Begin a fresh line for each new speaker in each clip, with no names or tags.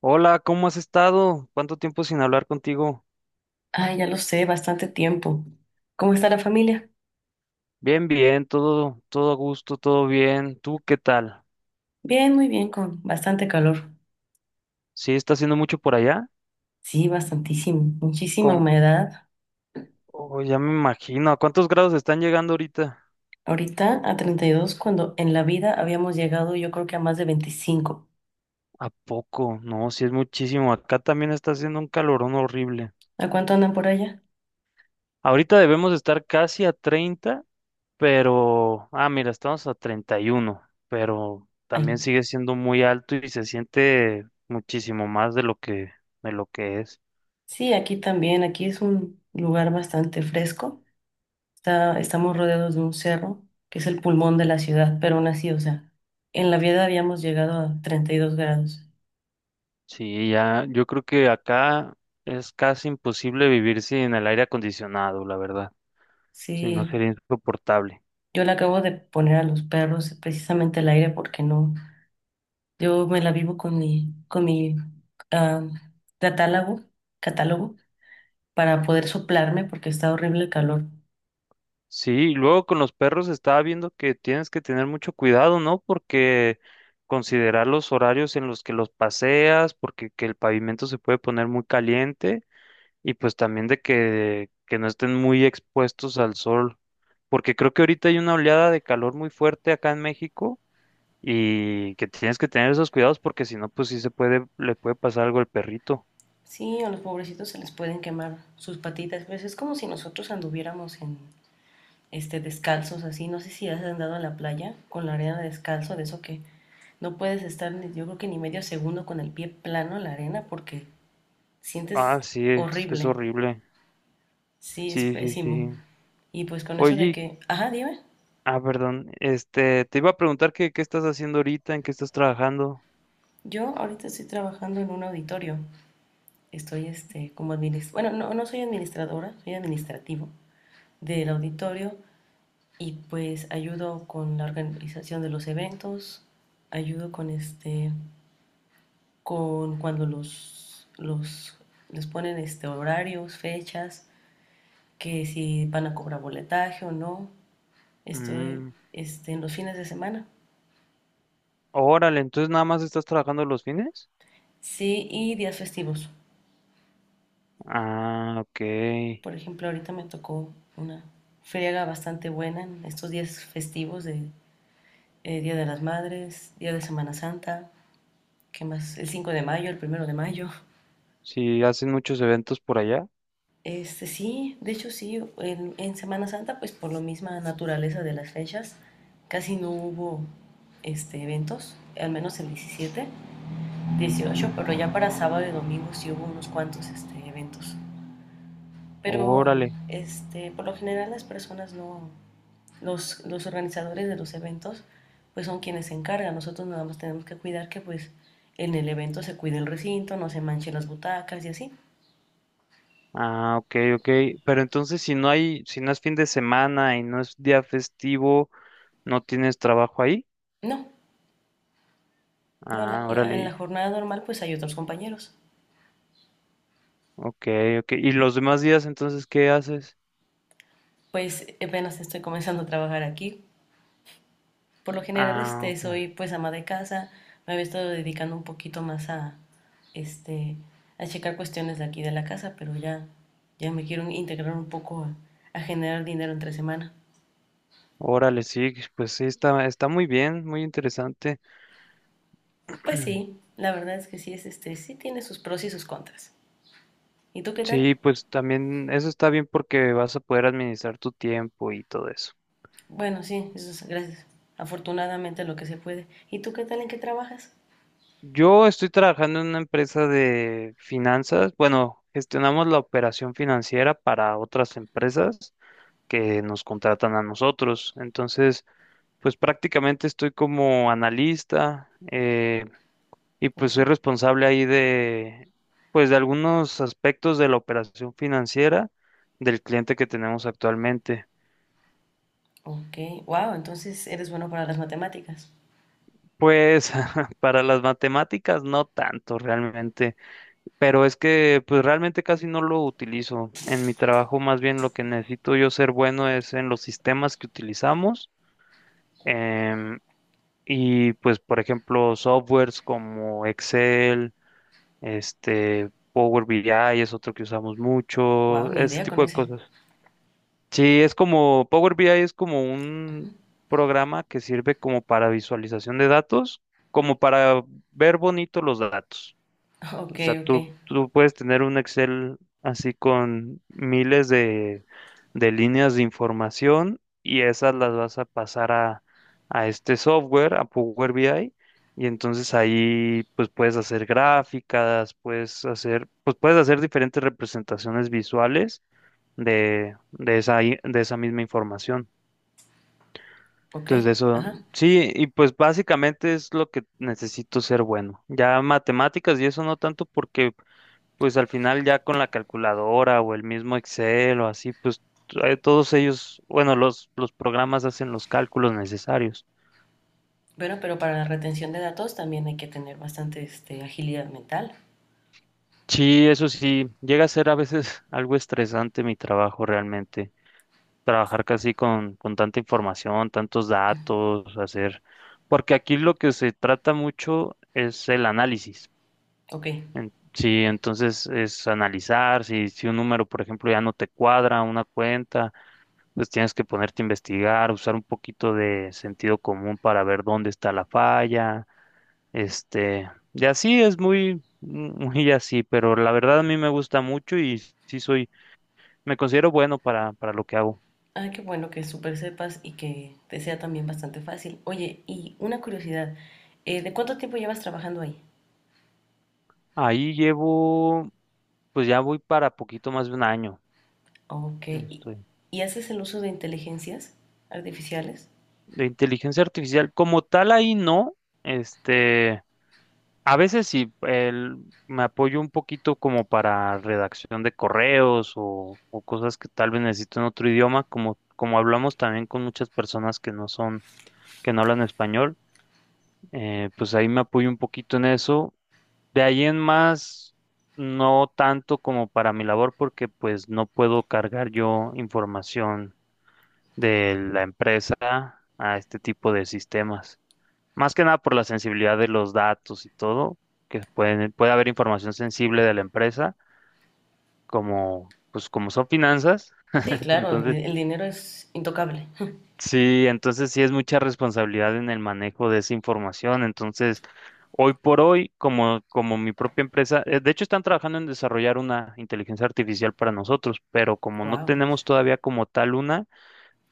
Hola, ¿cómo has estado? ¿Cuánto tiempo sin hablar contigo?
Ay, ya lo sé, bastante tiempo. ¿Cómo está la familia?
Bien, bien, todo a gusto, todo bien. ¿Tú qué tal?
Bien, muy bien, con bastante calor.
¿Sí está haciendo mucho por allá?
Sí, bastantísimo, muchísima
Con,
humedad.
oh, ya me imagino. ¿A cuántos grados están llegando ahorita?
Ahorita a 32. Cuando en la vida habíamos llegado yo creo que a más de 25.
¿A poco? No, sí es muchísimo. Acá también está haciendo un calorón horrible.
¿A cuánto andan por allá?
Ahorita debemos estar casi a 30, pero... Ah, mira, estamos a 31, pero
Ay,
también
no.
sigue siendo muy alto y se siente muchísimo más de lo que es.
Sí, aquí también, aquí es un lugar bastante fresco. Estamos rodeados de un cerro, que es el pulmón de la ciudad, pero aún así, o sea, en la vida habíamos llegado a 32 grados.
Sí, ya, yo creo que acá es casi imposible vivir sin el aire acondicionado, la verdad. Si no
Sí.
sería insoportable.
Yo le acabo de poner a los perros precisamente el aire porque no. Yo me la vivo con mi, ah, catálogo, catálogo para poder soplarme porque está horrible el calor.
Sí, y luego con los perros estaba viendo que tienes que tener mucho cuidado, ¿no? Porque considerar los horarios en los que los paseas, porque que el pavimento se puede poner muy caliente y pues también de que no estén muy expuestos al sol, porque creo que ahorita hay una oleada de calor muy fuerte acá en México y que tienes que tener esos cuidados porque si no, pues sí se puede, le puede pasar algo al perrito.
Sí, a los pobrecitos se les pueden quemar sus patitas. Pues es como si nosotros anduviéramos en descalzos así. No sé si has andado a la playa con la arena descalzo, de eso que no puedes estar, yo creo que ni medio segundo con el pie plano en la arena porque sientes
Ah, sí, es
horrible.
horrible.
Sí, es
Sí, sí,
pésimo.
sí.
Y pues con eso de
Oye,
que, ajá, dime,
ah, perdón, te iba a preguntar que, qué estás haciendo ahorita, en qué estás trabajando.
yo ahorita estoy trabajando en un auditorio. Estoy como administradora, bueno, no, no soy administradora, soy administrativo del auditorio y pues ayudo con la organización de los eventos, ayudo con con cuando les ponen horarios, fechas, que si van a cobrar boletaje o no. Estoy
Mm,
en los fines de semana.
órale, entonces nada más estás trabajando los fines.
Sí, y días festivos.
Ah, ok.
Por ejemplo, ahorita me tocó una friega bastante buena en estos días festivos de Día de las Madres, Día de Semana Santa, ¿qué más? El 5 de mayo, el primero de mayo.
Sí, hacen muchos eventos por allá.
Este sí, de hecho sí, en Semana Santa, pues por la misma naturaleza de las fechas, casi no hubo eventos, al menos el 17 18, pero
Ujú.
ya para sábado y domingo sí hubo unos cuantos eventos. Pero
Órale.
por lo general las personas no, los organizadores de los eventos pues son quienes se encargan. Nosotros nada más tenemos que cuidar que pues en el evento se cuide el recinto, no se manchen las butacas y así.
Ah, ok, ok. Pero entonces si no hay, si no es fin de semana y no es día festivo, ¿no tienes trabajo ahí?
No,
Ah,
en la
órale.
jornada normal pues hay otros compañeros.
Ok, ok. ¿Y los demás días entonces qué haces?
Pues apenas estoy comenzando a trabajar aquí. Por lo general
Ah, ok.
soy pues ama de casa, me había estado dedicando un poquito más a, este, a checar cuestiones de aquí de la casa, pero ya, ya me quiero integrar un poco a generar dinero entre semana.
Órale, sí, pues sí, está, está muy bien, muy interesante.
Pues sí, la verdad es que sí es sí tiene sus pros y sus contras. ¿Y tú qué tal?
Sí, pues también eso está bien porque vas a poder administrar tu tiempo y todo eso.
Bueno, sí, eso es, gracias. Afortunadamente lo que se puede. ¿Y tú qué tal en qué trabajas?
Yo estoy trabajando en una empresa de finanzas. Bueno, gestionamos la operación financiera para otras empresas que nos contratan a nosotros. Entonces, pues prácticamente estoy como analista. Y pues
Ok.
soy responsable ahí de, pues de algunos aspectos de la operación financiera del cliente que tenemos actualmente.
Ok. Wow, entonces eres bueno para las matemáticas.
Pues para las matemáticas no tanto realmente, pero es que pues realmente casi no lo utilizo. En mi trabajo más bien lo que necesito yo ser bueno es en los sistemas que utilizamos em, y pues por ejemplo softwares como Excel, este Power BI es otro que usamos
Wow,
mucho,
ni
ese
idea con
tipo de
ese.
cosas. Sí, es como Power BI es como un programa que sirve como para visualización de datos, como para ver bonito los datos.
Ok,
O sea,
ok.
tú puedes tener un Excel así con miles de líneas de información y esas las vas a pasar a este software, a Power BI, y entonces ahí pues puedes hacer gráficas, puedes hacer, pues puedes hacer diferentes representaciones visuales de esa, de esa misma información.
Ok,
Entonces, de eso,
ajá.
sí, y pues básicamente es lo que necesito ser bueno. Ya matemáticas y eso no tanto porque, pues al final ya con la calculadora o el mismo Excel o así, pues todos ellos, bueno, los programas hacen los cálculos necesarios.
Bueno, pero para la retención de datos también hay que tener bastante agilidad mental.
Sí, eso sí, llega a ser a veces algo estresante mi trabajo realmente. Trabajar casi con tanta información, tantos datos, hacer, porque aquí lo que se trata mucho es el análisis.
Ok.
Sí, entonces es analizar, si, si un número, por ejemplo, ya no te cuadra una cuenta, pues tienes que ponerte a investigar, usar un poquito de sentido común para ver dónde está la falla, y así es muy, muy así, pero la verdad a mí me gusta mucho y sí soy, me considero bueno para lo que hago.
Ah, qué bueno que súper sepas y que te sea también bastante fácil. Oye, y una curiosidad, ¿de cuánto tiempo llevas trabajando ahí?
Ahí llevo, pues ya voy para poquito más de un año
Ok.
donde estoy.
Y haces el uso de inteligencias artificiales?
De inteligencia artificial, como tal, ahí no. Este, a veces sí, me apoyo un poquito como para redacción de correos o cosas que tal vez necesito en otro idioma, como, como hablamos también con muchas personas que no son, que no hablan español. Pues ahí me apoyo un poquito en eso. De ahí en más, no tanto como para mi labor, porque pues no puedo cargar yo información de la empresa a este tipo de sistemas. Más que nada por la sensibilidad de los datos y todo, que pueden, puede haber información sensible de la empresa, como pues como son finanzas,
Sí, claro,
entonces
el dinero es intocable.
sí, entonces sí es mucha responsabilidad en el manejo de esa información. Entonces, hoy por hoy, como, como mi propia empresa, de hecho están trabajando en desarrollar una inteligencia artificial para nosotros, pero como no
Wow.
tenemos todavía como tal una,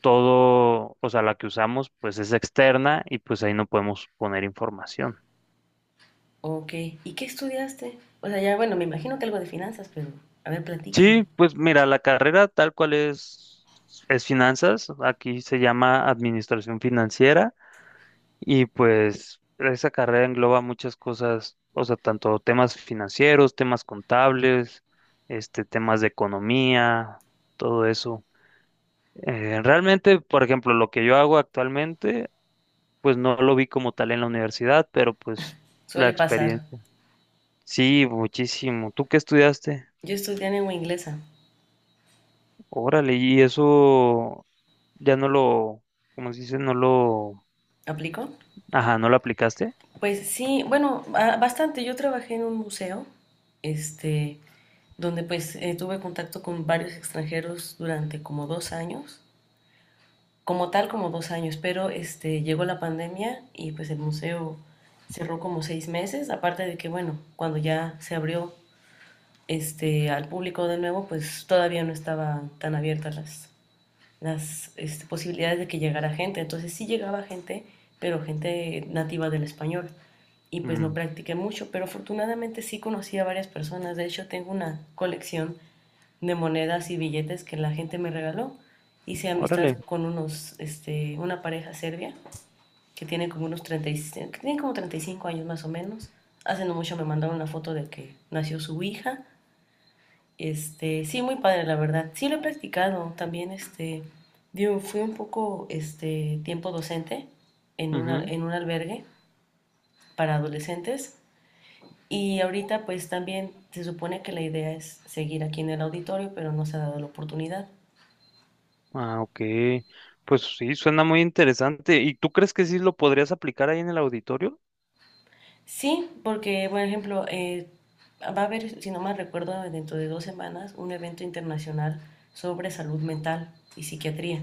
todo, o sea, la que usamos, pues es externa y pues ahí no podemos poner información.
Ok. ¿Y qué estudiaste? O sea, ya, bueno, me imagino que algo de finanzas, pero a ver, platícame.
Sí, pues mira, la carrera tal cual es finanzas, aquí se llama administración financiera. Y pues esa carrera engloba muchas cosas, o sea, tanto temas financieros, temas contables, temas de economía, todo eso. Realmente, por ejemplo, lo que yo hago actualmente, pues no lo vi como tal en la universidad, pero pues la
Suele pasar.
experiencia. Sí, muchísimo. ¿Tú qué estudiaste?
Yo estudié lengua inglesa.
Órale, y eso ya no lo, como se dice? No lo,
¿Aplico?
ajá, no lo aplicaste.
Pues sí, bueno, bastante. Yo trabajé en un museo, este, donde pues tuve contacto con varios extranjeros durante como dos años. Como tal, como dos años, pero llegó la pandemia y pues el museo cerró como 6 meses, aparte de que, bueno, cuando ya se abrió al público de nuevo, pues todavía no estaban tan abiertas las posibilidades de que llegara gente, entonces sí llegaba gente, pero gente nativa del español. Y pues no
Mm,
practiqué mucho, pero afortunadamente sí conocí a varias personas. De hecho, tengo una colección de monedas y billetes que la gente me regaló. Hice amistad
órale.
con una pareja serbia que tiene como unos 35, que tiene como 35 años más o menos. Hace no mucho me mandaron una foto de que nació su hija. Este, sí, muy padre, la verdad. Sí lo he practicado. También, digo, fui un poco, tiempo docente en, en un albergue para adolescentes. Y ahorita, pues, también se supone que la idea es seguir aquí en el auditorio, pero no se ha dado la oportunidad.
Ah, ok. Pues sí, suena muy interesante. ¿Y tú crees que sí lo podrías aplicar ahí en el auditorio?
Sí, porque, por ejemplo, va a haber, si no mal recuerdo, dentro de dos semanas un evento internacional sobre salud mental y psiquiatría.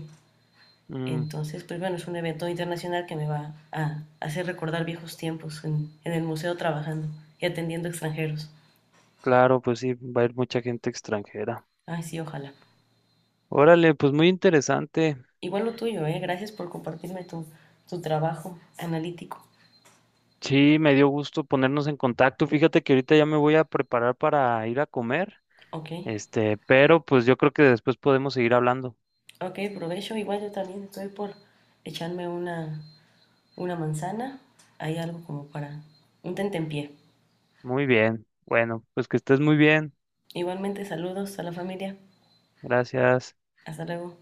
Mm,
Entonces, pues bueno, es un evento internacional que me va a hacer recordar viejos tiempos en el museo trabajando y atendiendo extranjeros.
claro, pues sí, va a ir mucha gente extranjera.
Ay, sí, ojalá.
Órale, pues muy interesante.
Igual lo tuyo, ¿eh? Gracias por compartirme tu, tu trabajo analítico.
Sí, me dio gusto ponernos en contacto. Fíjate que ahorita ya me voy a preparar para ir a comer.
Ok,
Pero pues yo creo que después podemos seguir hablando.
ok, provecho. Igual yo también estoy por echarme una manzana, hay algo como para un tentempié.
Muy bien. Bueno, pues que estés muy bien.
Igualmente saludos a la familia.
Gracias.
Hasta luego.